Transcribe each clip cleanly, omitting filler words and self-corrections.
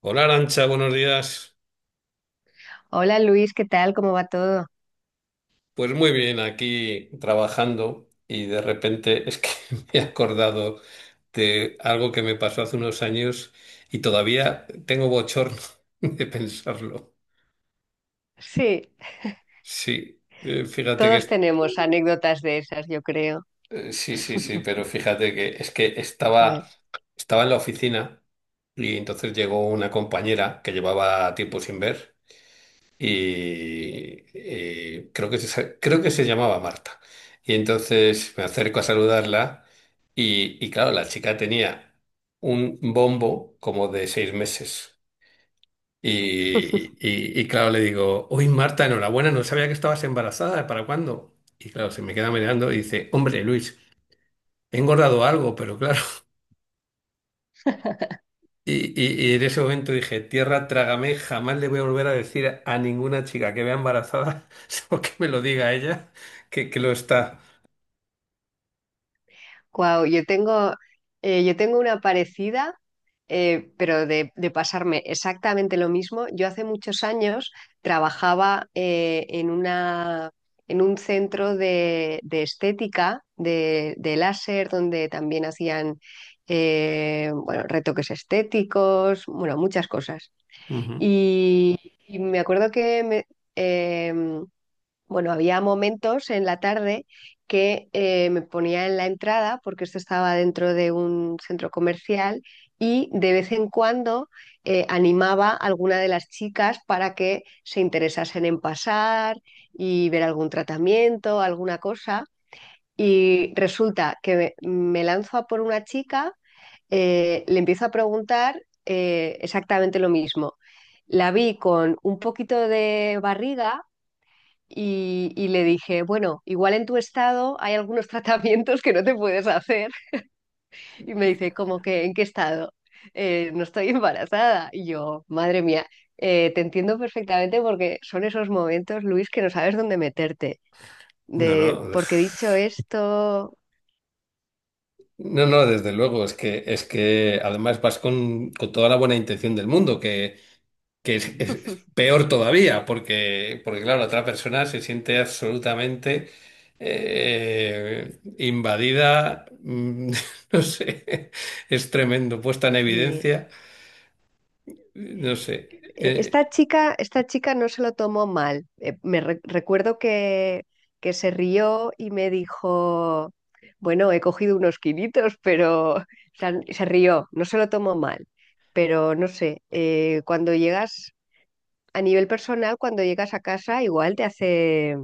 Hola Arancha, buenos días. Hola Luis, ¿qué tal? ¿Cómo va todo? Pues muy bien, aquí trabajando y de repente es que me he acordado de algo que me pasó hace unos años y todavía tengo bochorno de pensarlo. Sí, Sí, fíjate que todos tenemos anécdotas de esas, yo creo. Sí, sí, sí, pero fíjate que es que A estaba ver. estaba en la oficina y entonces llegó una compañera que llevaba tiempo sin ver. Y creo que se llamaba Marta. Y entonces me acerco a saludarla y claro, la chica tenía un bombo como de 6 meses. Y, y claro, le digo, uy Marta, enhorabuena, no sabía que estabas embarazada, ¿para cuándo? Y claro, se me queda mirando y dice, hombre Luis, he engordado algo, pero claro, y, y en ese momento dije, tierra, trágame, jamás le voy a volver a decir a ninguna chica que vea embarazada, o que me lo diga a ella, que lo está. Guau, yo tengo una parecida, pero de pasarme exactamente lo mismo. Yo hace muchos años trabajaba en en un centro de estética, de láser, donde también hacían bueno, retoques estéticos, bueno, muchas cosas. Ujú. Y, y me acuerdo em, bueno, había momentos en la tarde que me ponía en la entrada, porque esto estaba dentro de un centro comercial, y de vez en cuando animaba a alguna de las chicas para que se interesasen en pasar y ver algún tratamiento, alguna cosa. Y resulta que me lanzo a por una chica, le empiezo a preguntar exactamente lo mismo. La vi con un poquito de barriga y le dije, bueno, igual en tu estado hay algunos tratamientos que no te puedes hacer. Y me dice, ¿cómo que en qué estado? No estoy embarazada. Y yo, madre mía, te entiendo perfectamente porque son esos momentos, Luis, que no sabes dónde meterte. No, De, no. porque dicho uf. esto, No, no, desde luego, es que además vas con toda la buena intención del mundo, que es, es peor todavía, porque, porque claro, la otra persona se siente absolutamente invadida, no sé, es tremendo, puesta en sí. evidencia. No sé, eh, esta chica no se lo tomó mal. Recuerdo que se rió y me dijo, bueno, he cogido unos kilitos, pero o sea, se rió, no se lo tomó mal. Pero no sé, cuando llegas a nivel personal, cuando llegas a casa, igual te hace,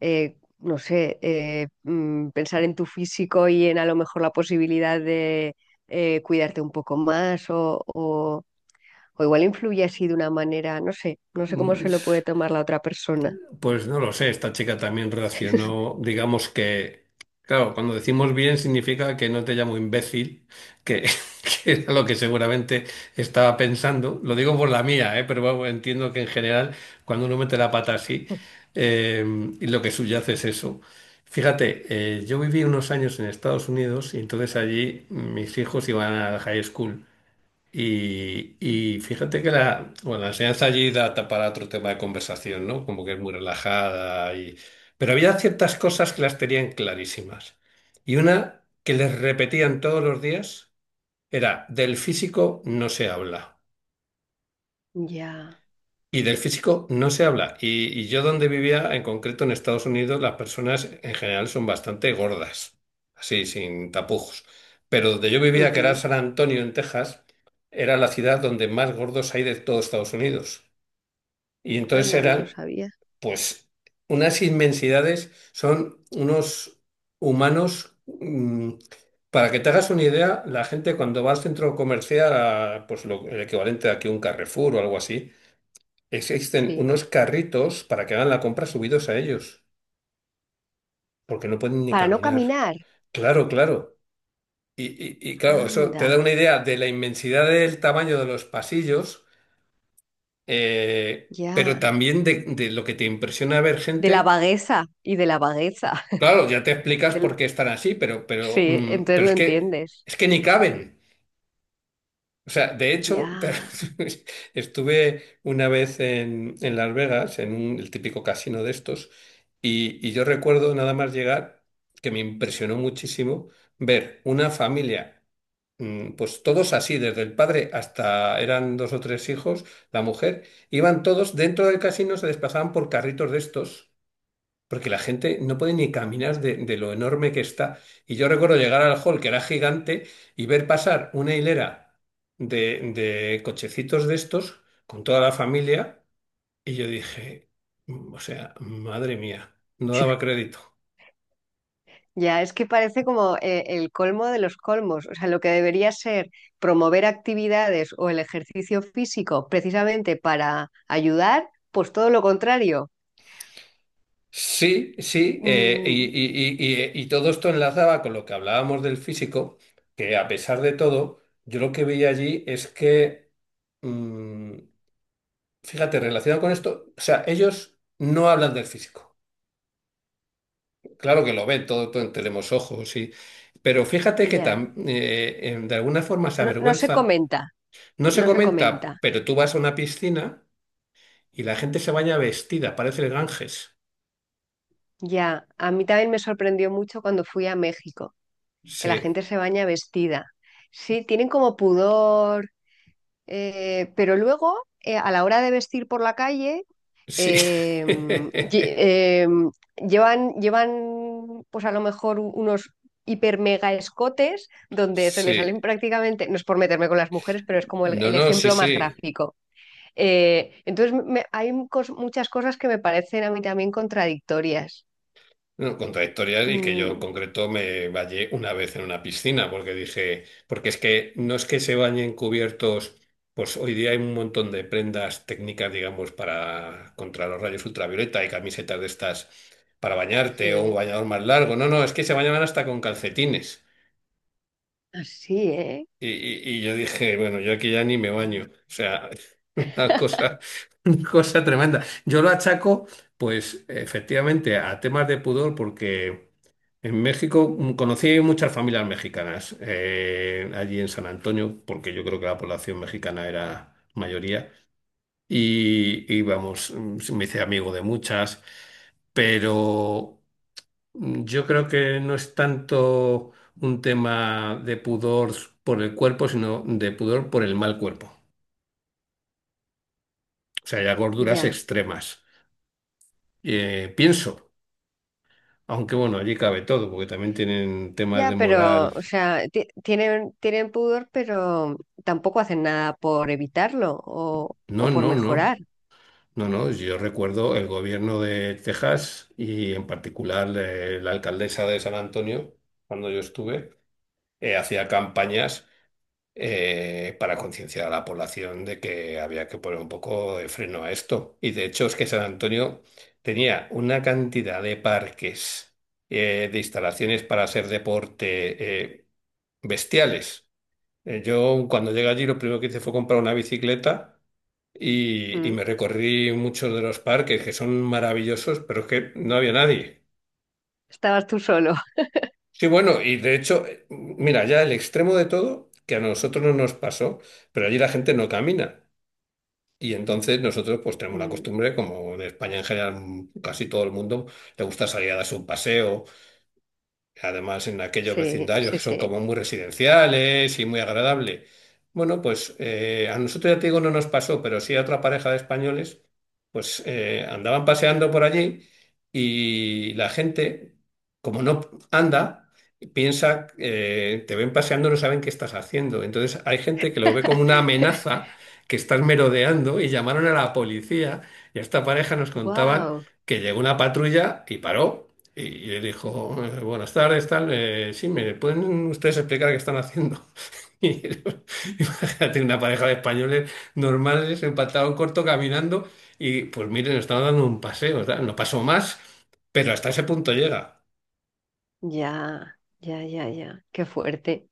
no sé, pensar en tu físico y en a lo mejor la posibilidad de cuidarte un poco más o igual influye así de una manera, no sé, no sé cómo mm, se lo puede tomar la otra persona. pues no lo sé, esta chica también reaccionó, digamos que, claro, cuando decimos bien significa que no te llamo imbécil, que, que era lo que seguramente estaba pensando, lo digo por la mía, pero bueno, entiendo que en general cuando uno mete la pata así, eh, y lo que subyace es eso. Fíjate, yo viví unos años en Estados Unidos y entonces allí mis hijos iban a la high school. Y fíjate que la, bueno, la enseñanza allí da para otro tema de conversación, ¿no? Como que es muy relajada y... Pero había ciertas cosas que las tenían clarísimas. Y una que les repetían todos los días era, del físico no se habla. Ya. Y del físico no se habla. Y yo donde vivía, en concreto en Estados Unidos, las personas en general son bastante gordas, así, sin tapujos. Pero donde yo vivía, que era Ujú. San Antonio, en Texas, era la ciudad donde más gordos hay de todo Estados Unidos. Y entonces Anda, no lo eran, sabía. pues, unas inmensidades, son unos humanos... para que te hagas una idea, la gente cuando va al centro comercial, a, pues el equivalente a que un Carrefour o algo así, existen Sí. unos carritos para que hagan la compra subidos a ellos, porque no pueden ni Para no caminar. caminar. Claro, claro. Y, y claro, eso Anda, te da una idea de la inmensidad del tamaño de los pasillos, pero ya. también de lo que te impresiona ver De la gente. vagueza y de la vagueza. Claro, ya te explicas por Del- qué están así, pero, Sí, entonces pero lo entiendes. es que ni caben. O sea, de Ya. hecho, estuve una vez en Las Vegas, en el típico casino de estos, y yo recuerdo nada más llegar, que me impresionó muchísimo, ver una familia, pues todos así, desde el padre hasta eran dos o tres hijos, la mujer, iban todos dentro del casino, se desplazaban por carritos de estos. Porque la gente no puede ni caminar de lo enorme que está. Y yo recuerdo llegar al hall, que era gigante, y ver pasar una hilera de cochecitos de estos con toda la familia. Y yo dije, "Mm, o sea, madre mía, no daba crédito. Ya, es que parece como el colmo de los colmos. O sea, lo que debería ser promover actividades o el ejercicio físico precisamente para ayudar, pues todo lo contrario. Sí, sí, y, Mm, y todo esto enlazaba con lo que hablábamos del físico, que a pesar de todo, yo lo que veía allí es que mm, fíjate, relacionado con esto, o sea, ellos no hablan del físico. Claro que lo ven, todo, todo tenemos ojos y... Pero fíjate que ya, de alguna forma se no, no se avergüenza. comenta, No se no se comenta, comenta. pero tú vas a una piscina y la gente se baña vestida, parece el Ganges. Ya, a mí también me sorprendió mucho cuando fui a México, que la Sí, gente se baña vestida. Sí, tienen como pudor, pero luego a la hora de vestir por la calle, sí. eh, lle- eh, llevan, llevan, pues a lo mejor unos hiper mega escotes donde se les Sí. salen prácticamente, no es por meterme con las mujeres, pero es como No, el no, sí, ejemplo más sí. gráfico. Entonces, muchas cosas que me parecen a mí también contradictorias. No, contradictorias y que yo en Mm, concreto me bañé una vez en una piscina porque dije, porque es que no es que se bañen cubiertos, pues hoy día hay un montón de prendas técnicas, digamos, para contra los rayos ultravioleta y camisetas de estas para bañarte o un sí, bañador más largo. No, no, es que se bañaban hasta con calcetines. así, ¿eh? Y, y yo dije, bueno, yo aquí ya ni me baño. O sea, una cosa, una cosa tremenda. Yo lo achaco, pues efectivamente, a temas de pudor porque... En México conocí muchas familias mexicanas allí en San Antonio, porque yo creo que la población mexicana era mayoría. Y vamos, me hice amigo de muchas, pero yo creo que no es tanto un tema de pudor por el cuerpo, sino de pudor por el mal cuerpo. O sea, ya gorduras Ya, extremas. Pienso, aunque bueno, allí cabe todo, porque también tienen temas de ya, pero, moral. o sea, tienen, tienen pudor, pero tampoco hacen nada por evitarlo No, o por no, no. mejorar. No, no, yo recuerdo el gobierno de Texas y en particular la alcaldesa de San Antonio, cuando yo estuve, hacía campañas para concienciar a la población de que había que poner un poco de freno a esto. Y de hecho es que San Antonio tenía una cantidad de parques, de instalaciones para hacer deporte bestiales. Yo cuando llegué allí lo primero que hice fue comprar una bicicleta y Mm, me recorrí muchos de los parques que son maravillosos, pero es que no había nadie. estabas tú solo. Sí, bueno, y de hecho, mira, ya el extremo de todo, que a nosotros no nos pasó, pero allí la gente no camina. Y entonces nosotros pues tenemos la Mm, costumbre, como en España en general casi todo el mundo le gusta salir a darse un paseo. Además, en aquellos sí, vecindarios sí, que son sí. como muy residenciales y muy agradable. Bueno, pues a nosotros ya te digo, no nos pasó, pero sí a otra pareja de españoles, pues andaban paseando por allí y la gente, como no anda, piensa, te ven paseando, no saben qué estás haciendo. Entonces hay gente que lo ve como una amenaza que estás merodeando y llamaron a la policía y a esta pareja nos contaban Wow, que llegó una patrulla y paró. Y le dijo, buenas tardes, tal, sí, ¿me pueden ustedes explicar qué están haciendo? Y imagínate una pareja de españoles normales, en pantalón corto, caminando, y pues miren, están dando un paseo, tal. No pasó más, pero hasta ese punto llega. ya, ya, ya, ya. Qué fuerte.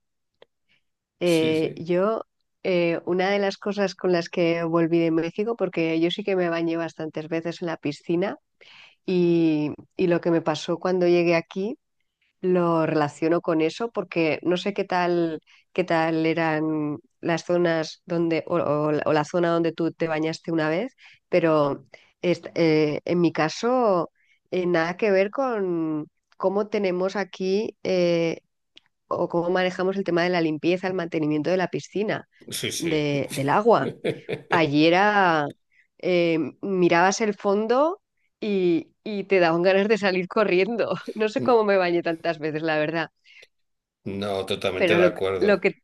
Sí, sí, Yo, una de las cosas con las que volví de México, porque yo sí que me bañé bastantes veces en la piscina y lo que me pasó cuando llegué aquí lo relaciono con eso, porque no sé qué tal eran las zonas donde, o la zona donde tú te bañaste una vez, pero en mi caso, nada que ver con cómo tenemos aquí. O cómo manejamos el tema de la limpieza, el mantenimiento de la piscina, sí, sí. Del agua. Allí era, mirabas el fondo y te daban ganas de salir corriendo. No sé cómo me bañé tantas veces, la verdad, No, totalmente pero de acuerdo.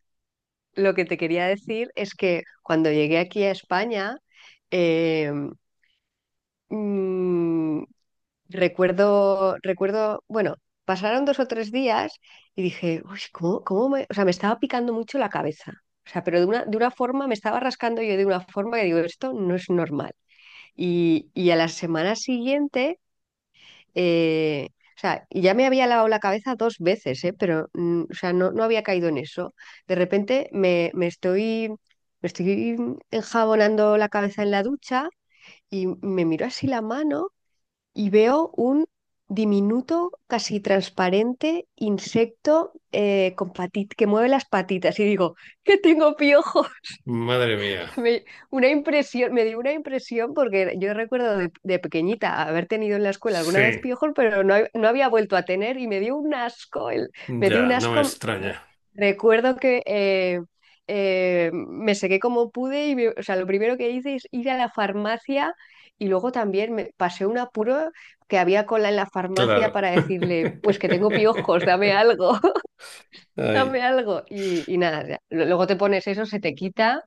lo que te quería decir es que cuando llegué aquí a España, eh, mm, recuerdo, recuerdo, bueno, pasaron dos o tres días y dije, uy, ¿cómo, cómo me...? O sea, me estaba picando mucho la cabeza. O sea, pero de una forma, me estaba rascando yo de una forma que digo, esto no es normal. Y a la semana siguiente, eh, o sea, y ya me había lavado la cabeza dos veces, o sea, no, no había caído en eso. De repente me estoy enjabonando la cabeza en la ducha y me miro así la mano y veo un diminuto, casi transparente insecto que mueve las patitas y digo, que tengo piojo. Madre mía. Me, Me dio una impresión porque yo recuerdo de pequeñita haber tenido en la escuela Sí, alguna vez piojos, pero no, no había vuelto a tener y me dio un asco, me dio un ya, no me asco. Re- extraña. recuerdo que eh, eh, me sequé como pude o sea, lo primero que hice es ir a la farmacia y luego también me pasé un apuro que había cola en la farmacia Claro. para decirle, pues que tengo piojos, dame algo, Ay, dame algo. Y nada, ya. Luego te pones eso, se te quita,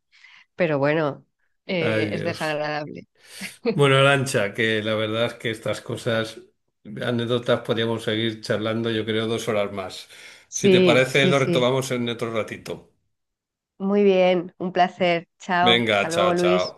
pero bueno, ay, es Dios. desagradable. Bueno, Arancha, que la verdad es que estas cosas, anécdotas, podríamos seguir charlando, yo creo, 2 horas más. Si te Sí, parece, sí, lo sí. retomamos en otro ratito. Muy bien, un placer. Chao, Venga, hasta luego, chao, chao. Luis.